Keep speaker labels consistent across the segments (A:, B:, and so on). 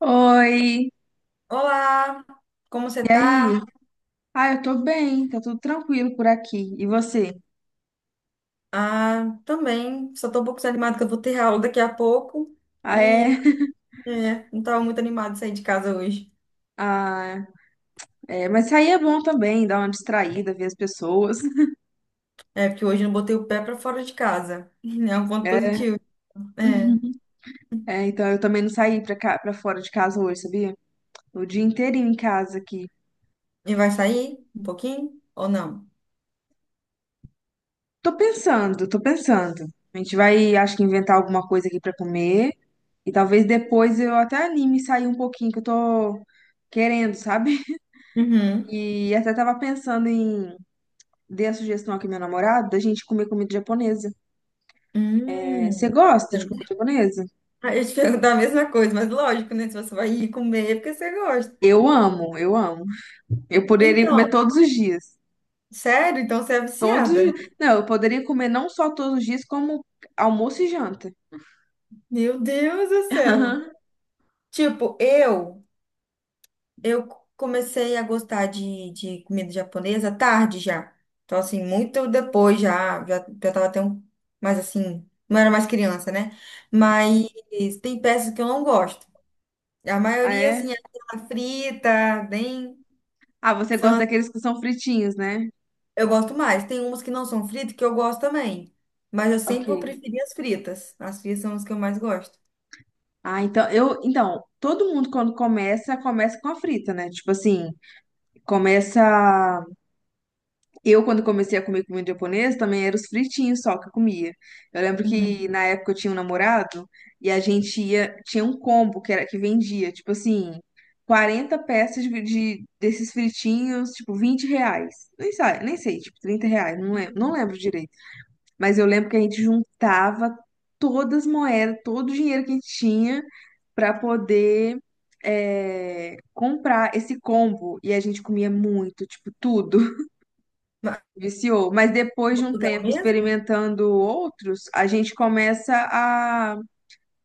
A: Oi,
B: Olá, como você
A: e aí?
B: tá?
A: Ah, eu tô bem, tá tudo tranquilo por aqui. E você?
B: Ah, também, só tô um pouco desanimada que eu vou ter aula daqui a pouco
A: Ah, é?
B: e é, não tava muito animada de sair de casa hoje.
A: Ah, é, mas sair é bom também, dar uma distraída, ver as pessoas.
B: É, porque hoje eu não botei o pé pra fora de casa. É um ponto
A: É,
B: positivo. É.
A: É, então eu também não saí pra fora de casa hoje, sabia? O dia inteirinho em casa aqui.
B: E vai sair um pouquinho ou não?
A: Tô pensando, tô pensando. A gente vai, acho que inventar alguma coisa aqui pra comer. E talvez depois eu até anime e sair um pouquinho, que eu tô querendo, sabe?
B: Uhum.
A: E até tava pensando em dei a sugestão aqui ao meu namorado da gente comer comida japonesa. É, você
B: Hum.
A: gosta de comida japonesa?
B: Aí eu te perguntar a mesma coisa, mas lógico, né? Se você vai ir comer, é porque você gosta.
A: Eu amo, eu amo. Eu poderia
B: Então,
A: comer todos os dias.
B: sério? Então você é
A: Todos,
B: viciada, né?
A: os- não, eu poderia comer não só todos os dias, como almoço e janta.
B: Meu Deus do céu. Tipo, eu comecei a gostar de comida japonesa tarde já. Então, assim, muito depois já, já, já tava até um, mais assim, não era mais criança, né? Mas tem peças que eu não gosto. A
A: Ah,
B: maioria,
A: é?
B: assim, é aquela frita, bem.
A: Ah, você gosta daqueles que são fritinhos, né?
B: Eu gosto mais. Tem umas que não são fritas que eu gosto também. Mas eu sempre
A: Ok.
B: vou preferir as fritas. As fritas são as que eu mais gosto.
A: Ah, então, todo mundo quando começa, começa com a frita, né? Tipo assim, começa eu, quando comecei a comer comida japonesa, também eram os fritinhos só que eu comia. Eu lembro que
B: Uhum.
A: na época eu tinha um namorado e a gente ia, tinha um combo que era que vendia, tipo assim, 40 peças desses fritinhos, tipo R$ 20. Nem sei, nem sei, tipo R$ 30, não lembro, não lembro direito. Mas eu lembro que a gente juntava todas as moedas, todo o dinheiro que a gente tinha para poder comprar esse combo. E a gente comia muito, tipo, tudo.
B: Mas,
A: Viciou. Mas depois de um
B: lugar
A: tempo
B: mesmo?
A: experimentando outros, a gente começa a,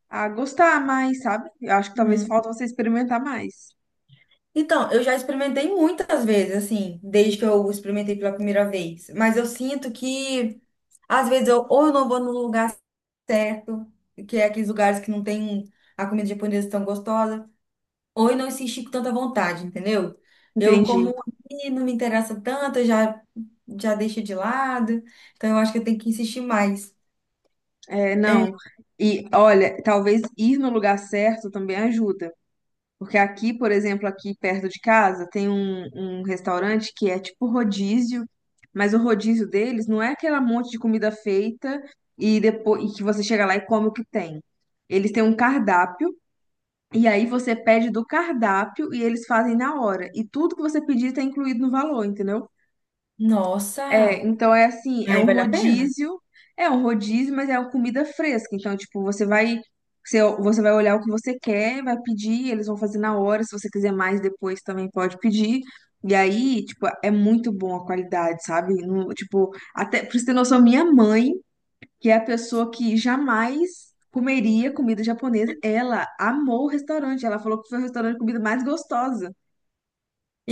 A: a gostar mais, sabe? Eu acho que talvez falta você experimentar mais.
B: Então, eu já experimentei muitas vezes, assim, desde que eu experimentei pela primeira vez. Mas eu sinto que, às vezes, eu, ou eu não vou no lugar certo, que é aqueles lugares que não tem a comida japonesa tão gostosa, ou eu não insisti com tanta vontade, entendeu? Eu como
A: Entendi.
B: aqui, não me interessa tanto, eu já, já deixo de lado. Então, eu acho que eu tenho que insistir mais.
A: É, não.
B: É,
A: E olha, talvez ir no lugar certo também ajuda. Porque aqui, por exemplo, aqui perto de casa, tem um restaurante que é tipo rodízio, mas o rodízio deles não é aquela monte de comida feita e depois e que você chega lá e come o que tem. Eles têm um cardápio. E aí você pede do cardápio e eles fazem na hora. E tudo que você pedir está incluído no valor, entendeu? É,
B: nossa!
A: então é assim, é
B: Aí
A: um
B: vale a pena?
A: rodízio, é um rodízio, mas é uma comida fresca. Então, tipo, você vai olhar o que você quer, vai pedir, eles vão fazer na hora. Se você quiser mais depois, também pode pedir. E aí, tipo, é muito bom a qualidade, sabe? Tipo, até, pra você ter noção, minha mãe que é a pessoa que jamais comeria comida japonesa. Ela amou o restaurante, ela falou que foi o restaurante de comida mais gostosa.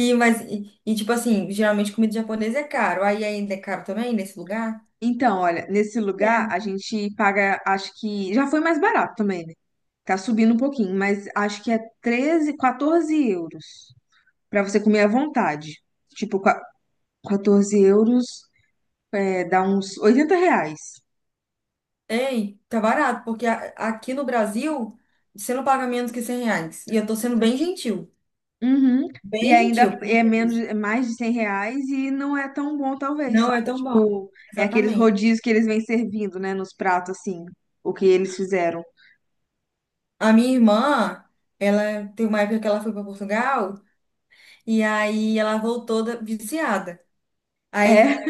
B: E tipo assim, geralmente comida japonesa é caro. Aí ainda é caro também, nesse lugar?
A: Então, olha, nesse lugar
B: É.
A: a gente paga, acho que já foi mais barato também, né? Tá subindo um pouquinho, mas acho que é 13, 14 € pra você comer à vontade. Tipo, 14 € dá uns R$ 80.
B: Ei, tá barato, porque a- aqui no Brasil, você não paga menos que 100 reais. E eu tô sendo bem gentil,
A: Uhum.
B: bem
A: E ainda
B: gentil. Por
A: é
B: conta
A: menos,
B: disso.
A: é mais de 100 reais e não é tão bom, talvez,
B: Não é
A: sabe?
B: tão bom,
A: Tipo, é aqueles
B: exatamente.
A: rodízios que eles vêm servindo, né, nos pratos, assim, o que eles fizeram.
B: A minha irmã, ela tem uma época que ela foi para Portugal, e aí ela voltou da- viciada. Aí,
A: É,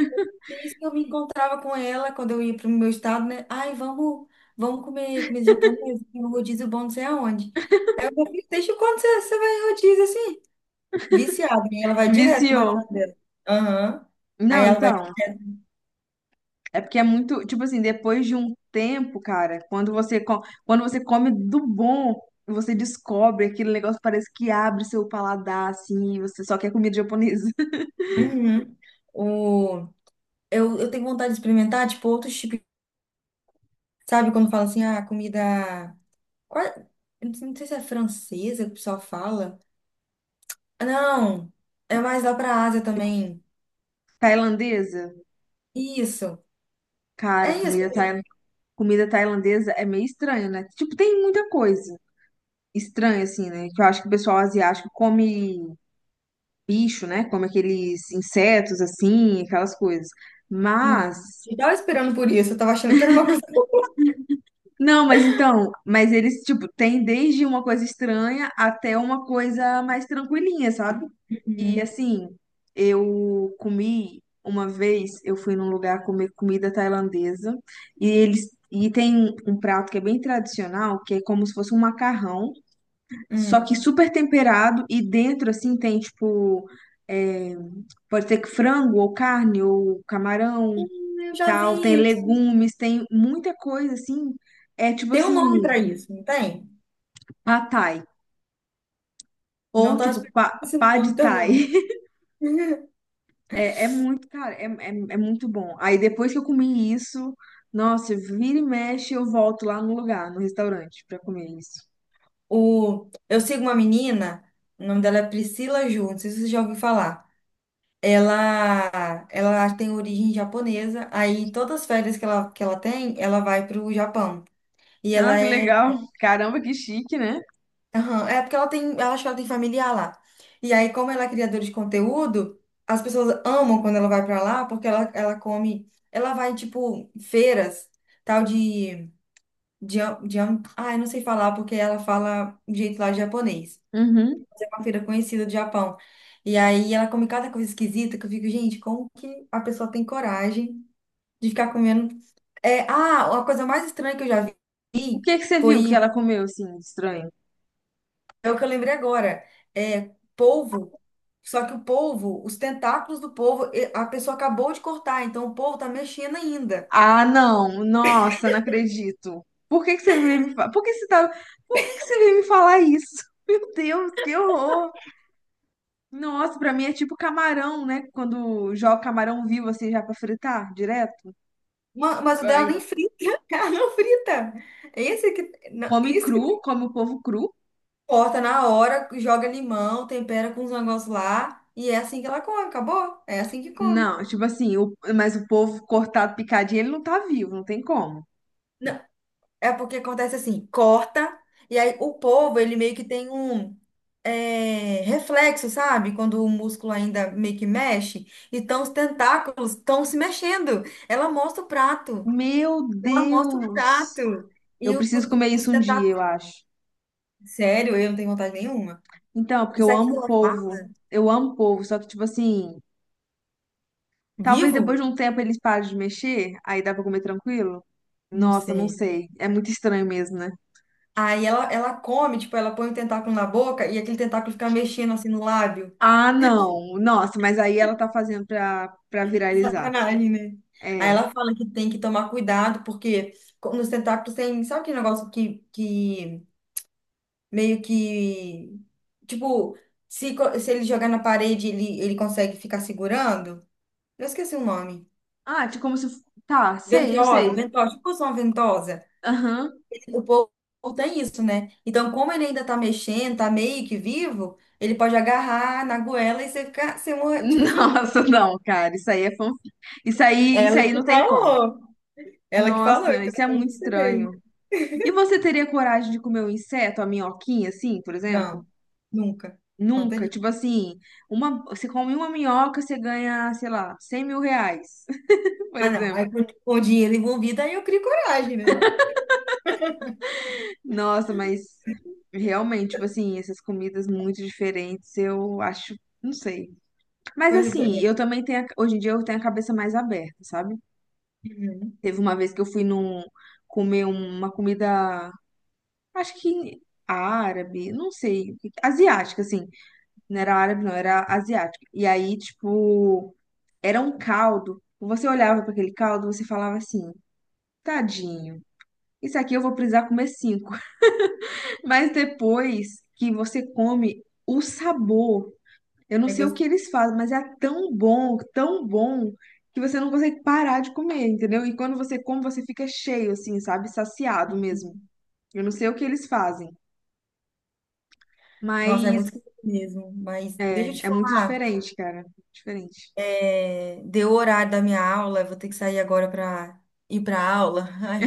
B: isso que eu me encontrava com ela quando eu ia para o meu estado, né? Ai, vamos, vamos comer comida japonesa, tem um rodízio bom não sei aonde. Aí eu falei, deixa quando você, você vai em rodízio assim. Viciada, e ela vai direto com o
A: viciou.
B: namorado dela. Aham. Aí
A: Não,
B: ela vai.
A: então, é porque é muito, tipo assim, depois de um tempo, cara, quando você come do bom, você descobre aquele negócio, parece que abre seu paladar, assim, e você só quer comida japonesa.
B: Uhum. O... Eu tenho vontade de experimentar, tipo, outros tipos. Sabe quando fala assim, ah, comida. Qua- eu não sei se é francesa que o pessoal fala. Ah, não, é mais lá pra Ásia também.
A: Tailandesa?
B: Isso. É
A: Cara,
B: isso.
A: comida tailandesa é meio estranho, né? Tipo, tem muita coisa estranha, assim, né? Que eu acho que o pessoal asiático come bicho, né? Come aqueles insetos, assim, aquelas coisas.
B: Eu
A: Mas,
B: eu tava esperando por isso, eu tava achando que era uma coisa.
A: não, mas então, mas eles, tipo, tem desde uma coisa estranha até uma coisa mais tranquilinha, sabe? E,
B: Uhum.
A: assim, eu comi uma vez, eu fui num lugar comer comida tailandesa e eles. E tem um prato que é bem tradicional, que é como se fosse um macarrão, só que
B: Hum.
A: super temperado e dentro, assim, tem, tipo, é, pode ser que frango ou carne ou camarão e
B: Eu já
A: tal. Tem
B: vi isso.
A: legumes, tem muita coisa, assim. É, tipo,
B: Tem um
A: assim,
B: nome pra isso, não tem?
A: pad thai.
B: Não
A: Ou,
B: tava
A: tipo,
B: esperando esse nome
A: pad thai.
B: também.
A: É, é muito, cara, é muito bom. Aí, depois que eu comi isso, nossa, vira e mexe, eu volto lá no lugar, no restaurante, pra comer isso.
B: O, eu sigo uma menina, o nome dela é Priscila Ju, não sei se você já ouviu falar. Ela tem origem japonesa, aí todas as férias que ela tem, ela vai pro Japão. E
A: Ah,
B: ela
A: que
B: é.
A: legal. Caramba, que chique, né?
B: Aham, é porque ela tem. Ela acha que ela tem familiar lá. E aí, como ela é criadora de conteúdo, as pessoas amam quando ela vai pra lá, porque ela come. Ela vai, tipo, feiras, tal de. de, de ai, não sei falar, porque ela fala de jeito lá de japonês.
A: Uhum.
B: Uma feira conhecida do Japão. E aí ela come cada coisa esquisita que eu fico, gente, como que a pessoa tem coragem de ficar comendo? É, ah, uma coisa mais estranha que eu já
A: O
B: vi
A: que que você viu que
B: foi,
A: ela comeu, assim, de estranho?
B: é o que eu lembrei agora, é polvo. Só que o polvo, os tentáculos do polvo, e- a pessoa acabou de cortar, então o polvo tá mexendo ainda.
A: Ah, não. Nossa, não acredito. Por que que você veio me falar? Por que que você tá... Por que que você veio me falar isso? Meu Deus, que horror. Nossa, pra mim é tipo camarão, né? Quando joga camarão vivo assim já pra fritar direto.
B: Ma- Mas o dela
A: Ai.
B: nem frita, ela não frita. É esse que, não,
A: Come
B: isso
A: cru, come o povo cru.
B: Corta na hora, joga limão, tempera com os negócios lá. E é assim que ela come, acabou? É assim que come.
A: Não, tipo assim, mas o povo cortado, picadinho, ele não tá vivo, não tem como.
B: Não, é porque acontece assim, corta, e aí o povo, ele meio que tem um é, reflexo, sabe? Quando o músculo ainda meio que mexe. Então os tentáculos estão se mexendo. Ela mostra o prato,
A: Meu
B: ela mostra o
A: Deus.
B: prato. E
A: Eu
B: o-
A: preciso comer
B: os
A: isso um dia,
B: tentáculos,
A: eu acho.
B: sério, eu não tenho vontade nenhuma.
A: Então, porque
B: Isso
A: eu
B: aqui que
A: amo
B: ela tá
A: polvo. Eu amo polvo, só que tipo assim, talvez
B: vivo?
A: depois de um tempo eles parem de mexer, aí dá pra comer tranquilo?
B: Não
A: Nossa, não
B: sei.
A: sei. É muito estranho mesmo, né?
B: Aí ela come, tipo, ela põe o tentáculo na boca e aquele tentáculo fica mexendo assim no lábio.
A: Ah, não. Nossa, mas aí ela tá fazendo pra viralizar.
B: Sacanagem, né? Aí
A: É.
B: ela fala que tem que tomar cuidado, porque co- nos tentáculos tem, sabe aquele negócio que meio que, tipo, se, co- se ele jogar na parede, ele consegue ficar segurando? Eu esqueci o nome.
A: Ah, tipo, como se. Tá, sei, eu
B: Ventosa,
A: sei.
B: ventosa, tipo uma ventosa.
A: Aham.
B: O povo tem isso, né? Então, como ele ainda tá mexendo, tá meio que vivo, ele pode agarrar na goela e você ficar, você morre, tipo assim,
A: Nossa, não, cara. Isso aí é fanfic. Isso aí, isso
B: Ela
A: aí
B: que
A: não tem como.
B: falou. Ela que falou,
A: Nossa,
B: então
A: isso é
B: eu
A: muito
B: não sei.
A: estranho. E você teria coragem de comer um inseto, a minhoquinha, assim, por exemplo?
B: Não, nunca. Não
A: Nunca.
B: teria.
A: Tipo assim, você come uma minhoca, você ganha, sei lá, 100.000 reais, por
B: Ah, não.
A: exemplo.
B: Aí com o dinheiro envolvido, aí eu crio coragem, né?
A: Nossa, mas realmente, tipo assim, essas comidas muito diferentes, eu acho, não sei. Mas
B: Pois é. pois
A: assim,
B: é.
A: eu também tenho, a- hoje em dia eu tenho a cabeça mais aberta, sabe?
B: Uhum.
A: Teve uma vez que eu fui num comer uma comida, acho que árabe, não sei, asiática, assim. Não era árabe, não, era asiática. E aí, tipo, era um caldo. Você olhava para aquele caldo, você falava assim, tadinho, isso aqui eu vou precisar comer cinco. Mas depois que você come o sabor, eu não
B: É
A: sei o que
B: gostoso.
A: eles fazem, mas é tão bom, que você não consegue parar de comer, entendeu? E quando você come, você fica cheio, assim, sabe? Saciado mesmo. Eu não sei o que eles fazem,
B: Nossa, é muito
A: mas
B: gostoso mesmo. Mas deixa eu
A: é,
B: te
A: é muito
B: falar.
A: diferente, cara. Diferente.
B: É, deu o horário da minha aula, eu vou ter que sair agora para ir para aula. Ai,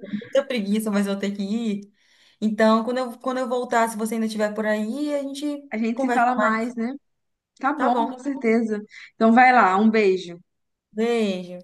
B: tô com muita preguiça, mas vou ter que ir. Então, quando eu voltar, se você ainda estiver por aí, a gente
A: A gente se
B: conversa.
A: fala mais, né? Tá
B: Tá
A: bom, com
B: bom.
A: certeza. Então vai lá, um beijo.
B: Beijo.